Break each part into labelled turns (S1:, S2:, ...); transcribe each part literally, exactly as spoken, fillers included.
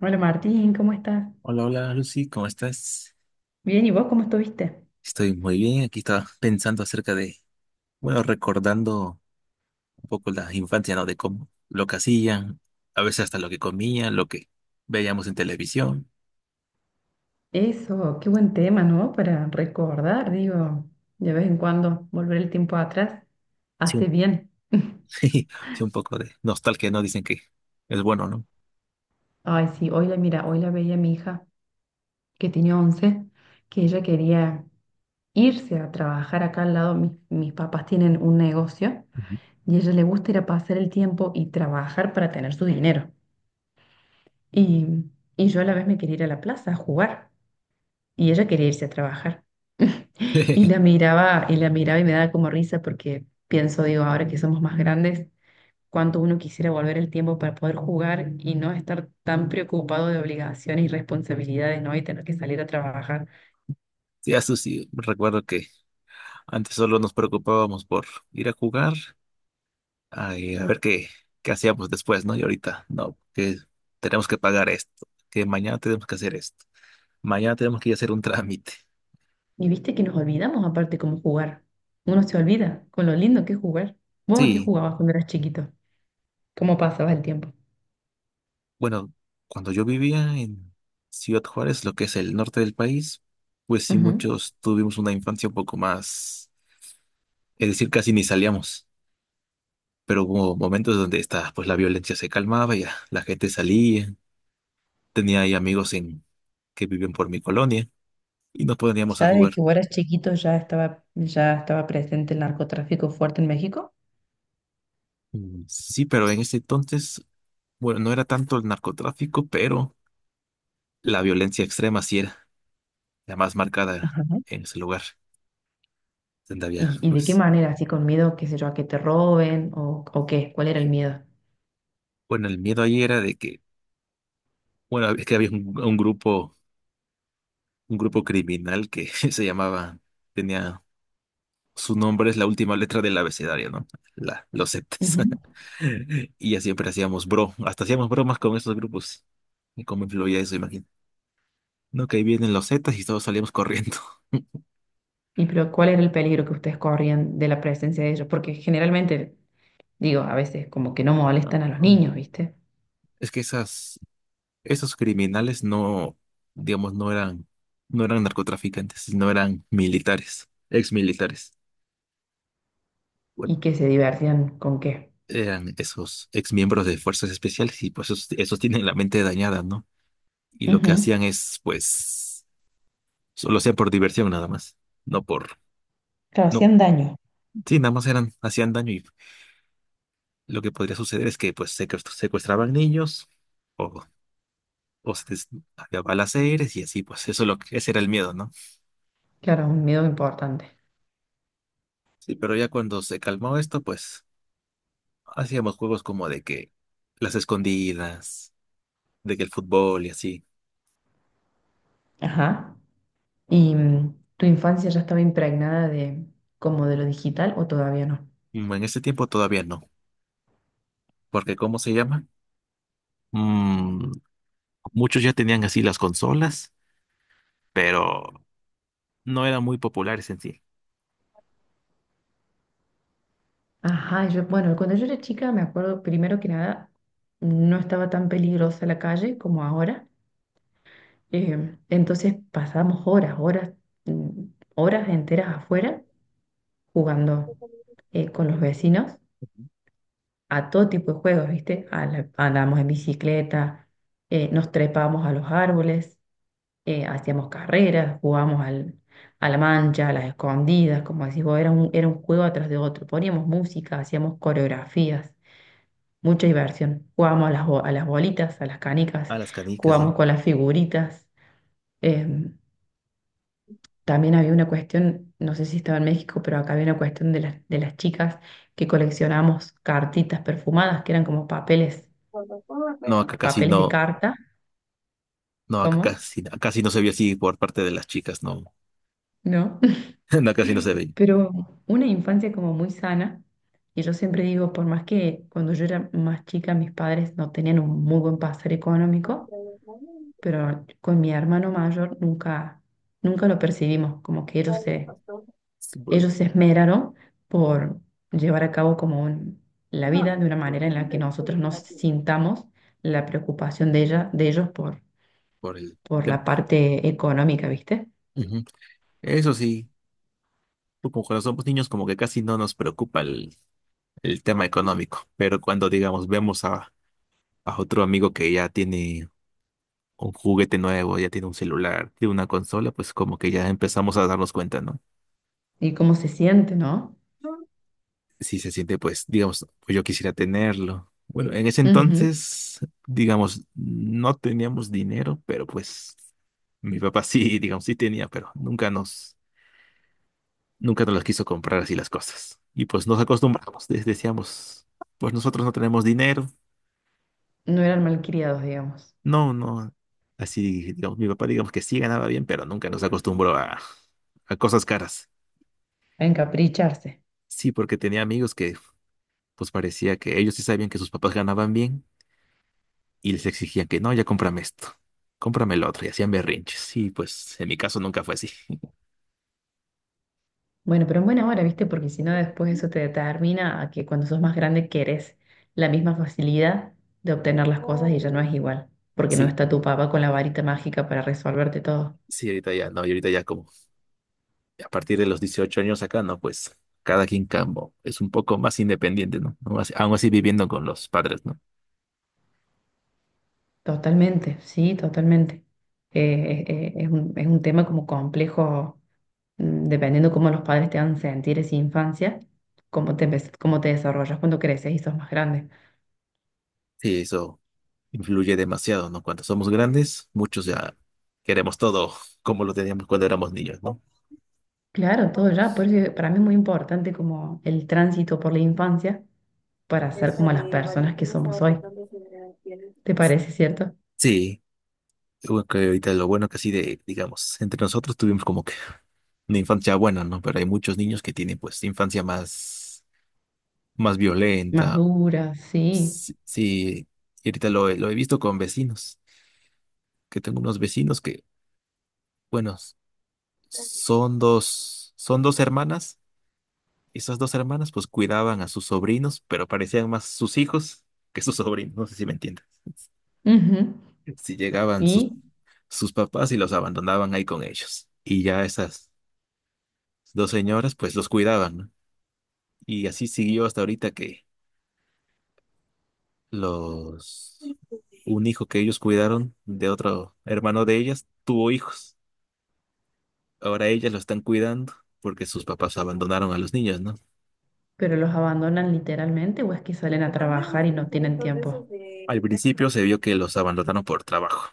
S1: Hola Martín, ¿cómo estás?
S2: Hola, hola Lucy, ¿cómo estás?
S1: Bien, ¿y vos cómo estuviste?
S2: Estoy muy bien. Aquí estaba pensando acerca de, bueno, recordando un poco la infancia, ¿no? De cómo lo que hacían, a veces hasta lo que comían, lo que veíamos en televisión.
S1: Eso, qué buen tema, ¿no? Para recordar, digo, de vez en cuando volver el tiempo atrás
S2: Sí,
S1: hace
S2: un,
S1: bien.
S2: sí, un poco de nostalgia, ¿no? Dicen que es bueno, ¿no?
S1: Ay, sí, hoy la mira, hoy la veía mi hija, que tenía once, que ella quería irse a trabajar acá al lado. Mis, mis papás tienen un negocio
S2: Ujú.
S1: y a ella le gusta ir a pasar el tiempo y trabajar para tener su dinero. Y, y yo a la vez me quería ir a la plaza a jugar y ella quería irse a trabajar. Y la miraba, y la miraba y me daba como risa porque pienso, digo, ahora que somos más grandes, cuánto uno quisiera volver el tiempo para poder jugar y no estar tan preocupado de obligaciones y responsabilidades, ¿no? Y tener que salir a trabajar.
S2: Sí, a Susi, recuerdo que antes solo nos preocupábamos por ir a jugar, a, a ver qué, qué hacíamos después, ¿no? Y ahorita, no, que tenemos que pagar esto, que mañana tenemos que hacer esto. Mañana tenemos que ir a hacer un trámite.
S1: Y viste que nos olvidamos aparte cómo jugar. Uno se olvida con lo lindo que es jugar. ¿Vos a qué
S2: Sí,
S1: jugabas cuando eras chiquito? ¿Cómo pasabas el tiempo?
S2: bueno, cuando yo vivía en Ciudad Juárez, lo que es el norte del país, pues sí,
S1: Ujú.
S2: muchos tuvimos una infancia un poco más, es decir, casi ni salíamos, pero hubo momentos donde esta, pues la violencia se calmaba, y ya la gente salía, tenía ahí amigos en, que viven por mi colonia y nos poníamos a
S1: ¿Ya desde que
S2: jugar.
S1: vos eras chiquito ya estaba, ya estaba presente el narcotráfico fuerte en México?
S2: Mm, Sí, pero en ese entonces, bueno, no era tanto el narcotráfico, pero la violencia extrema sí era la más marcada
S1: Ajá.
S2: en ese lugar, donde había,
S1: ¿Y, y de qué
S2: pues
S1: manera? ¿Así con miedo, qué sé yo, a que te roben o, o qué? ¿Cuál era el miedo?
S2: bueno, el miedo ahí era de que, bueno, es que había un, un grupo, un grupo criminal que se llamaba, tenía, su nombre es la última letra del abecedario, ¿no? La, los septas.
S1: Ujú.
S2: Y ya siempre hacíamos bro, hasta hacíamos bromas con esos grupos. Y cómo influía eso, imagino. No, que ahí vienen los zetas y todos salíamos corriendo.
S1: Y pero ¿cuál era el peligro que ustedes corrían de la presencia de ellos? Porque generalmente, digo, a veces como que no
S2: Ah,
S1: molestan a los
S2: ah.
S1: niños, ¿viste?
S2: Es que esas, esos criminales no, digamos, no eran, no eran narcotraficantes, no eran militares, ex militares.
S1: Y que se divertían con qué.
S2: Eran esos ex miembros de fuerzas especiales y pues esos, esos tienen la mente dañada, ¿no? Y lo que
S1: Ujú.
S2: hacían es, pues, solo hacían por diversión nada más, no por,
S1: Claro,
S2: no,
S1: hacían daño.
S2: sí, nada más eran, hacían daño y lo que podría suceder es que pues secuest- secuestraban niños o, o se des- había balaceres y así, pues eso es lo que, ese era el miedo, ¿no?
S1: Claro, un miedo importante.
S2: Sí, pero ya cuando se calmó esto, pues hacíamos juegos como de que las escondidas, de que el fútbol y así.
S1: Ajá. ¿Y mm, tu infancia ya estaba impregnada de como de lo digital o todavía no?
S2: Mm, En ese tiempo todavía no, porque ¿cómo se llama? Mm, muchos ya tenían así las consolas, pero no eran muy populares en sí.
S1: Ajá, yo, bueno, cuando yo era chica me acuerdo, primero que nada, no estaba tan peligrosa la calle como ahora. Em, entonces pasábamos horas, horas, mm, horas enteras afuera jugando eh, con los vecinos a todo tipo de juegos, ¿viste? A la- andábamos en bicicleta, eh, nos trepábamos a los árboles, eh, hacíamos carreras, jugábamos al, a la mancha, a las escondidas, como decís vos, era un, era un juego atrás de otro. Poníamos música, hacíamos coreografías. Mucha diversión. Jugábamos a las, bo- a las bolitas, a las canicas,
S2: A las canicas, sí.
S1: jugábamos con las figuritas. Eh, También había una cuestión, no sé si estaba en México, pero acá había una cuestión de las, de las chicas que coleccionábamos cartitas perfumadas, que eran como papeles,
S2: No, acá casi
S1: papeles de
S2: no,
S1: carta.
S2: no, acá
S1: ¿Cómo?
S2: casi, acá casi no se veía así por parte de las chicas, no.
S1: ¿No?
S2: No, acá casi no se veía.
S1: Pero una infancia como muy sana. Y yo siempre digo, por más que cuando yo era más chica mis padres no tenían un muy buen pasar económico, pero con mi hermano mayor nunca, nunca lo percibimos, como que ellos se,
S2: Sí, por,
S1: ellos se esmeraron por llevar a cabo como un- la vida de una manera en la que nosotros nos sintamos la preocupación de ella, de ellos por,
S2: por el
S1: por
S2: tema.
S1: la parte económica, ¿viste?
S2: Ujú. Eso sí, tú como cuando somos niños, como que casi no nos preocupa el, el tema económico. Pero cuando, digamos, vemos a, a otro amigo que ya tiene un juguete nuevo, ya tiene un celular, tiene una consola, pues como que ya empezamos a darnos cuenta, ¿no?
S1: Y cómo se siente, ¿no?
S2: Si se siente, pues, digamos, pues yo quisiera tenerlo. Bueno, en ese
S1: Ujú.
S2: entonces, digamos, no teníamos dinero, pero pues mi papá sí, digamos, sí tenía, pero nunca nos, nunca nos las quiso comprar así las cosas. Y pues nos acostumbramos, de- decíamos, pues nosotros no tenemos dinero,
S1: No eran malcriados, digamos,
S2: no, no. Así, digamos, mi papá, digamos que sí ganaba bien, pero nunca nos acostumbró a, a cosas caras.
S1: a encapricharse.
S2: Sí, porque tenía amigos que pues parecía que ellos sí sabían que sus papás ganaban bien y les exigían que no, ya cómprame esto, cómprame el otro y hacían berrinches. Y pues en mi caso nunca fue así.
S1: Bueno, pero en buena hora, ¿viste? Porque si no, después eso te determina a que cuando sos más grande querés la misma facilidad de obtener las cosas y ya no es igual, porque no
S2: Sí,
S1: está tu papá con la varita mágica para resolverte todo.
S2: sí, ahorita ya no, y ahorita ya como a partir de los dieciocho años acá, no, pues cada quien campo es un poco más independiente, ¿no? Aún así, aún así viviendo con los padres, ¿no?
S1: Totalmente, sí, totalmente. Eh, eh, eh, es un, es un tema como complejo, mm, dependiendo cómo los padres te hagan sentir esa infancia, cómo te, empe- cómo te desarrollas cuando creces y sos más grande.
S2: Sí, eso influye demasiado, ¿no? Cuando somos grandes, muchos ya queremos todo como lo teníamos cuando éramos niños, ¿no?
S1: Claro, todo ya, por eso para mí es muy importante como el tránsito por la infancia para ser
S2: Esa
S1: como las
S2: de
S1: personas que
S2: Valentina
S1: somos
S2: estaba
S1: hoy.
S2: tocando sobre la piel.
S1: ¿Te parece cierto?
S2: Sí, bueno, que ahorita lo bueno que sí, de, digamos, entre nosotros tuvimos como que una infancia buena, ¿no? Pero hay muchos niños que tienen pues infancia más, más
S1: Más
S2: violenta.
S1: duras, sí.
S2: Sí, sí, y ahorita lo, he- lo he visto con vecinos, que tengo unos vecinos que, bueno, s- son dos, son dos hermanas. Esas dos hermanas pues cuidaban a sus sobrinos, pero parecían más sus hijos que sus sobrinos, no sé si me entiendes.
S1: Ujú.
S2: Si llegaban sus,
S1: Y,
S2: sus papás y los abandonaban ahí con ellos. Y ya esas dos señoras pues los cuidaban, ¿no? Y así siguió hasta ahorita que los un hijo que ellos cuidaron de otro hermano de ellas tuvo hijos. Ahora ellas lo están cuidando porque sus papás abandonaron a los niños, ¿no?
S1: pero los abandonan literalmente o es que salen
S2: Te
S1: a
S2: mandé
S1: trabajar
S2: dos,
S1: y
S2: tres
S1: no tienen
S2: juguitos de
S1: tiempo.
S2: esos de al principio se vio que los abandonaron por trabajo,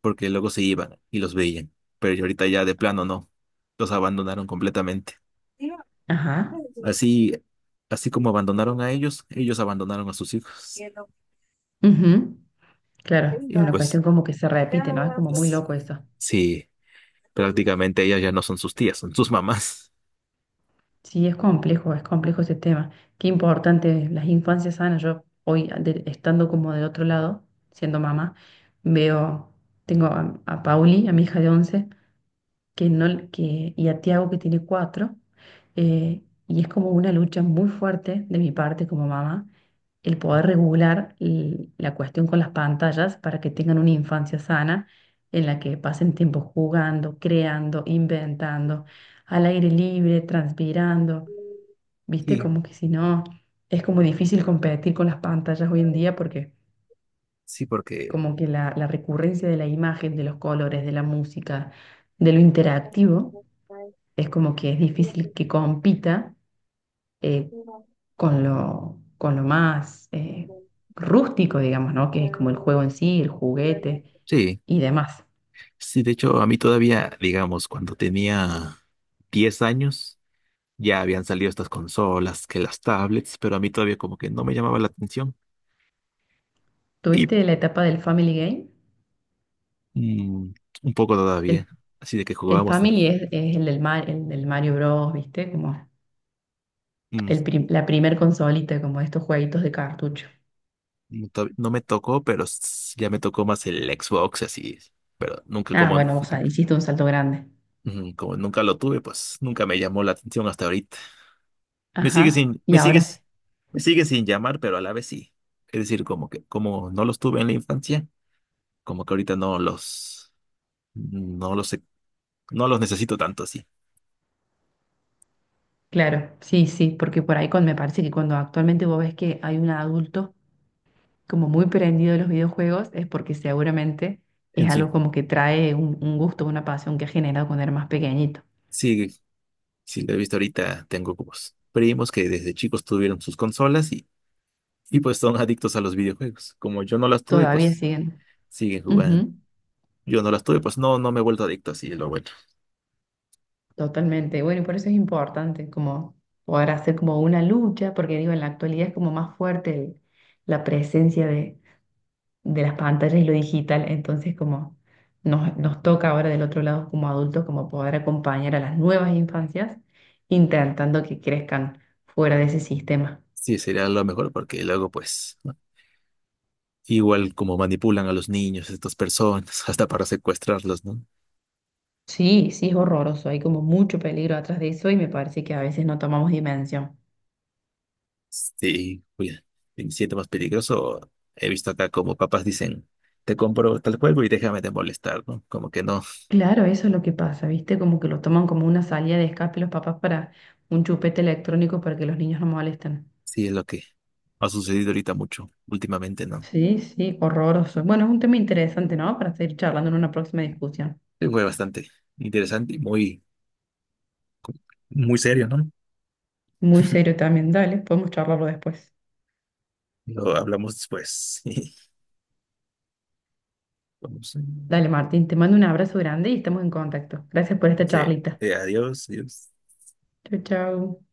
S2: porque luego se iban y los veían, pero ya ahorita ya de plano no, los abandonaron completamente.
S1: Ajá.
S2: Así, así como abandonaron a ellos, ellos abandonaron a sus hijos.
S1: Ujú. Claro,
S2: Y
S1: es una
S2: pues
S1: cuestión como que se repite, ¿no? Es como muy
S2: s-
S1: loco eso.
S2: sí, prácticamente ellas ya no son sus tías, son sus mamás.
S1: Sí, es complejo, es complejo ese tema. Qué importante, las infancias sanas. Yo hoy, de- estando como de otro lado, siendo mamá, veo, tengo a, a Pauli, a mi hija de once. Que no, que, y a Tiago que tiene cuatro. eh, y es como una lucha muy fuerte de mi parte como mamá el poder regular l- la cuestión con las pantallas para que tengan una infancia sana en la que pasen tiempo jugando, creando, inventando, al aire libre, transpirando. Viste,
S2: Sí,
S1: como que si no, es como difícil competir con las pantallas hoy en día porque
S2: sí, porque
S1: como que la, la recurrencia de la imagen, de los colores, de la música, de lo interactivo es como que es difícil que compita eh, con lo, con lo más eh, rústico, digamos, ¿no? Que es como el juego en sí, el juguete
S2: sí,
S1: y demás.
S2: sí, de hecho a mí todavía, digamos, cuando tenía diez años, ya habían salido estas consolas, que las tablets, pero a mí todavía como que no me llamaba la atención. y
S1: ¿Tuviste la etapa del Family Game?
S2: Mm, un poco
S1: El,
S2: todavía. Así de que
S1: el
S2: jugábamos.
S1: Family es, es el del, Mar- el del Mario Bros, ¿viste? Como
S2: mm,
S1: el prim- la primer consolita, como estos jueguitos de cartucho.
S2: no to- no me tocó, pero s- ya me tocó más el Xbox, así. Pero nunca,
S1: Ah,
S2: como,
S1: bueno, o sea, hiciste un salto grande.
S2: mm, como nunca lo tuve, pues nunca me llamó la atención hasta ahorita. Me sigue
S1: Ajá,
S2: sin,
S1: y
S2: me
S1: ahora sí.
S2: sigues, me sigue sin llamar, pero a la vez sí. Es decir, como que, como no los tuve en la infancia, como que ahorita no los, no los, he- no los necesito tanto así.
S1: Claro, sí, sí, porque por ahí con, me parece que cuando actualmente vos ves que hay un adulto como muy prendido de los videojuegos es porque seguramente es
S2: En
S1: algo
S2: sí,
S1: como que trae un, un gusto, una pasión que ha generado cuando era más pequeñito.
S2: sí, sí lo he visto ahorita, tengo como s- primos que desde chicos tuvieron sus consolas y pues son adictos a los videojuegos. Como yo no las tuve,
S1: Todavía
S2: pues
S1: siguen.
S2: siguen jugando.
S1: Ujú,
S2: Yo no las tuve, pues no, no me he vuelto adicto, así es lo bueno.
S1: totalmente. Bueno, y por eso es importante como poder hacer como una lucha, porque digo, en la actualidad es como más fuerte el- la presencia de, de las pantallas y lo digital, entonces como nos, nos toca ahora del otro lado como adultos como poder acompañar a las nuevas infancias intentando que crezcan fuera de ese sistema.
S2: Sí, sería lo mejor porque luego, pues, ¿no? Igual como manipulan a los niños, estas personas, hasta para secuestrarlos, ¿no?
S1: Sí, sí, es horroroso. Hay como mucho peligro atrás de eso y me parece que a veces no tomamos dimensión.
S2: Sí, cuida. Si me siento más peligroso, he visto acá como papás dicen, te compro tal juego y déjame de molestar, ¿no? Como que no,
S1: Claro, eso es lo que pasa, ¿viste? Como que lo toman como una salida de escape los papás para un chupete electrónico para que los niños no molesten.
S2: sí es lo que ha sucedido ahorita mucho, últimamente, ¿no?
S1: Sí, sí, horroroso. Bueno, es un tema interesante, ¿no? Para seguir charlando en una próxima discusión.
S2: Sí, fue bastante interesante y muy, muy serio, ¿no?
S1: Muy serio también, dale, podemos charlarlo después.
S2: Lo hablamos después. Vamos.
S1: Dale, Martín, te mando un abrazo grande y estamos en contacto. Gracias por esta
S2: Sí,
S1: charlita.
S2: eh, adiós, adiós.
S1: Chau, chau.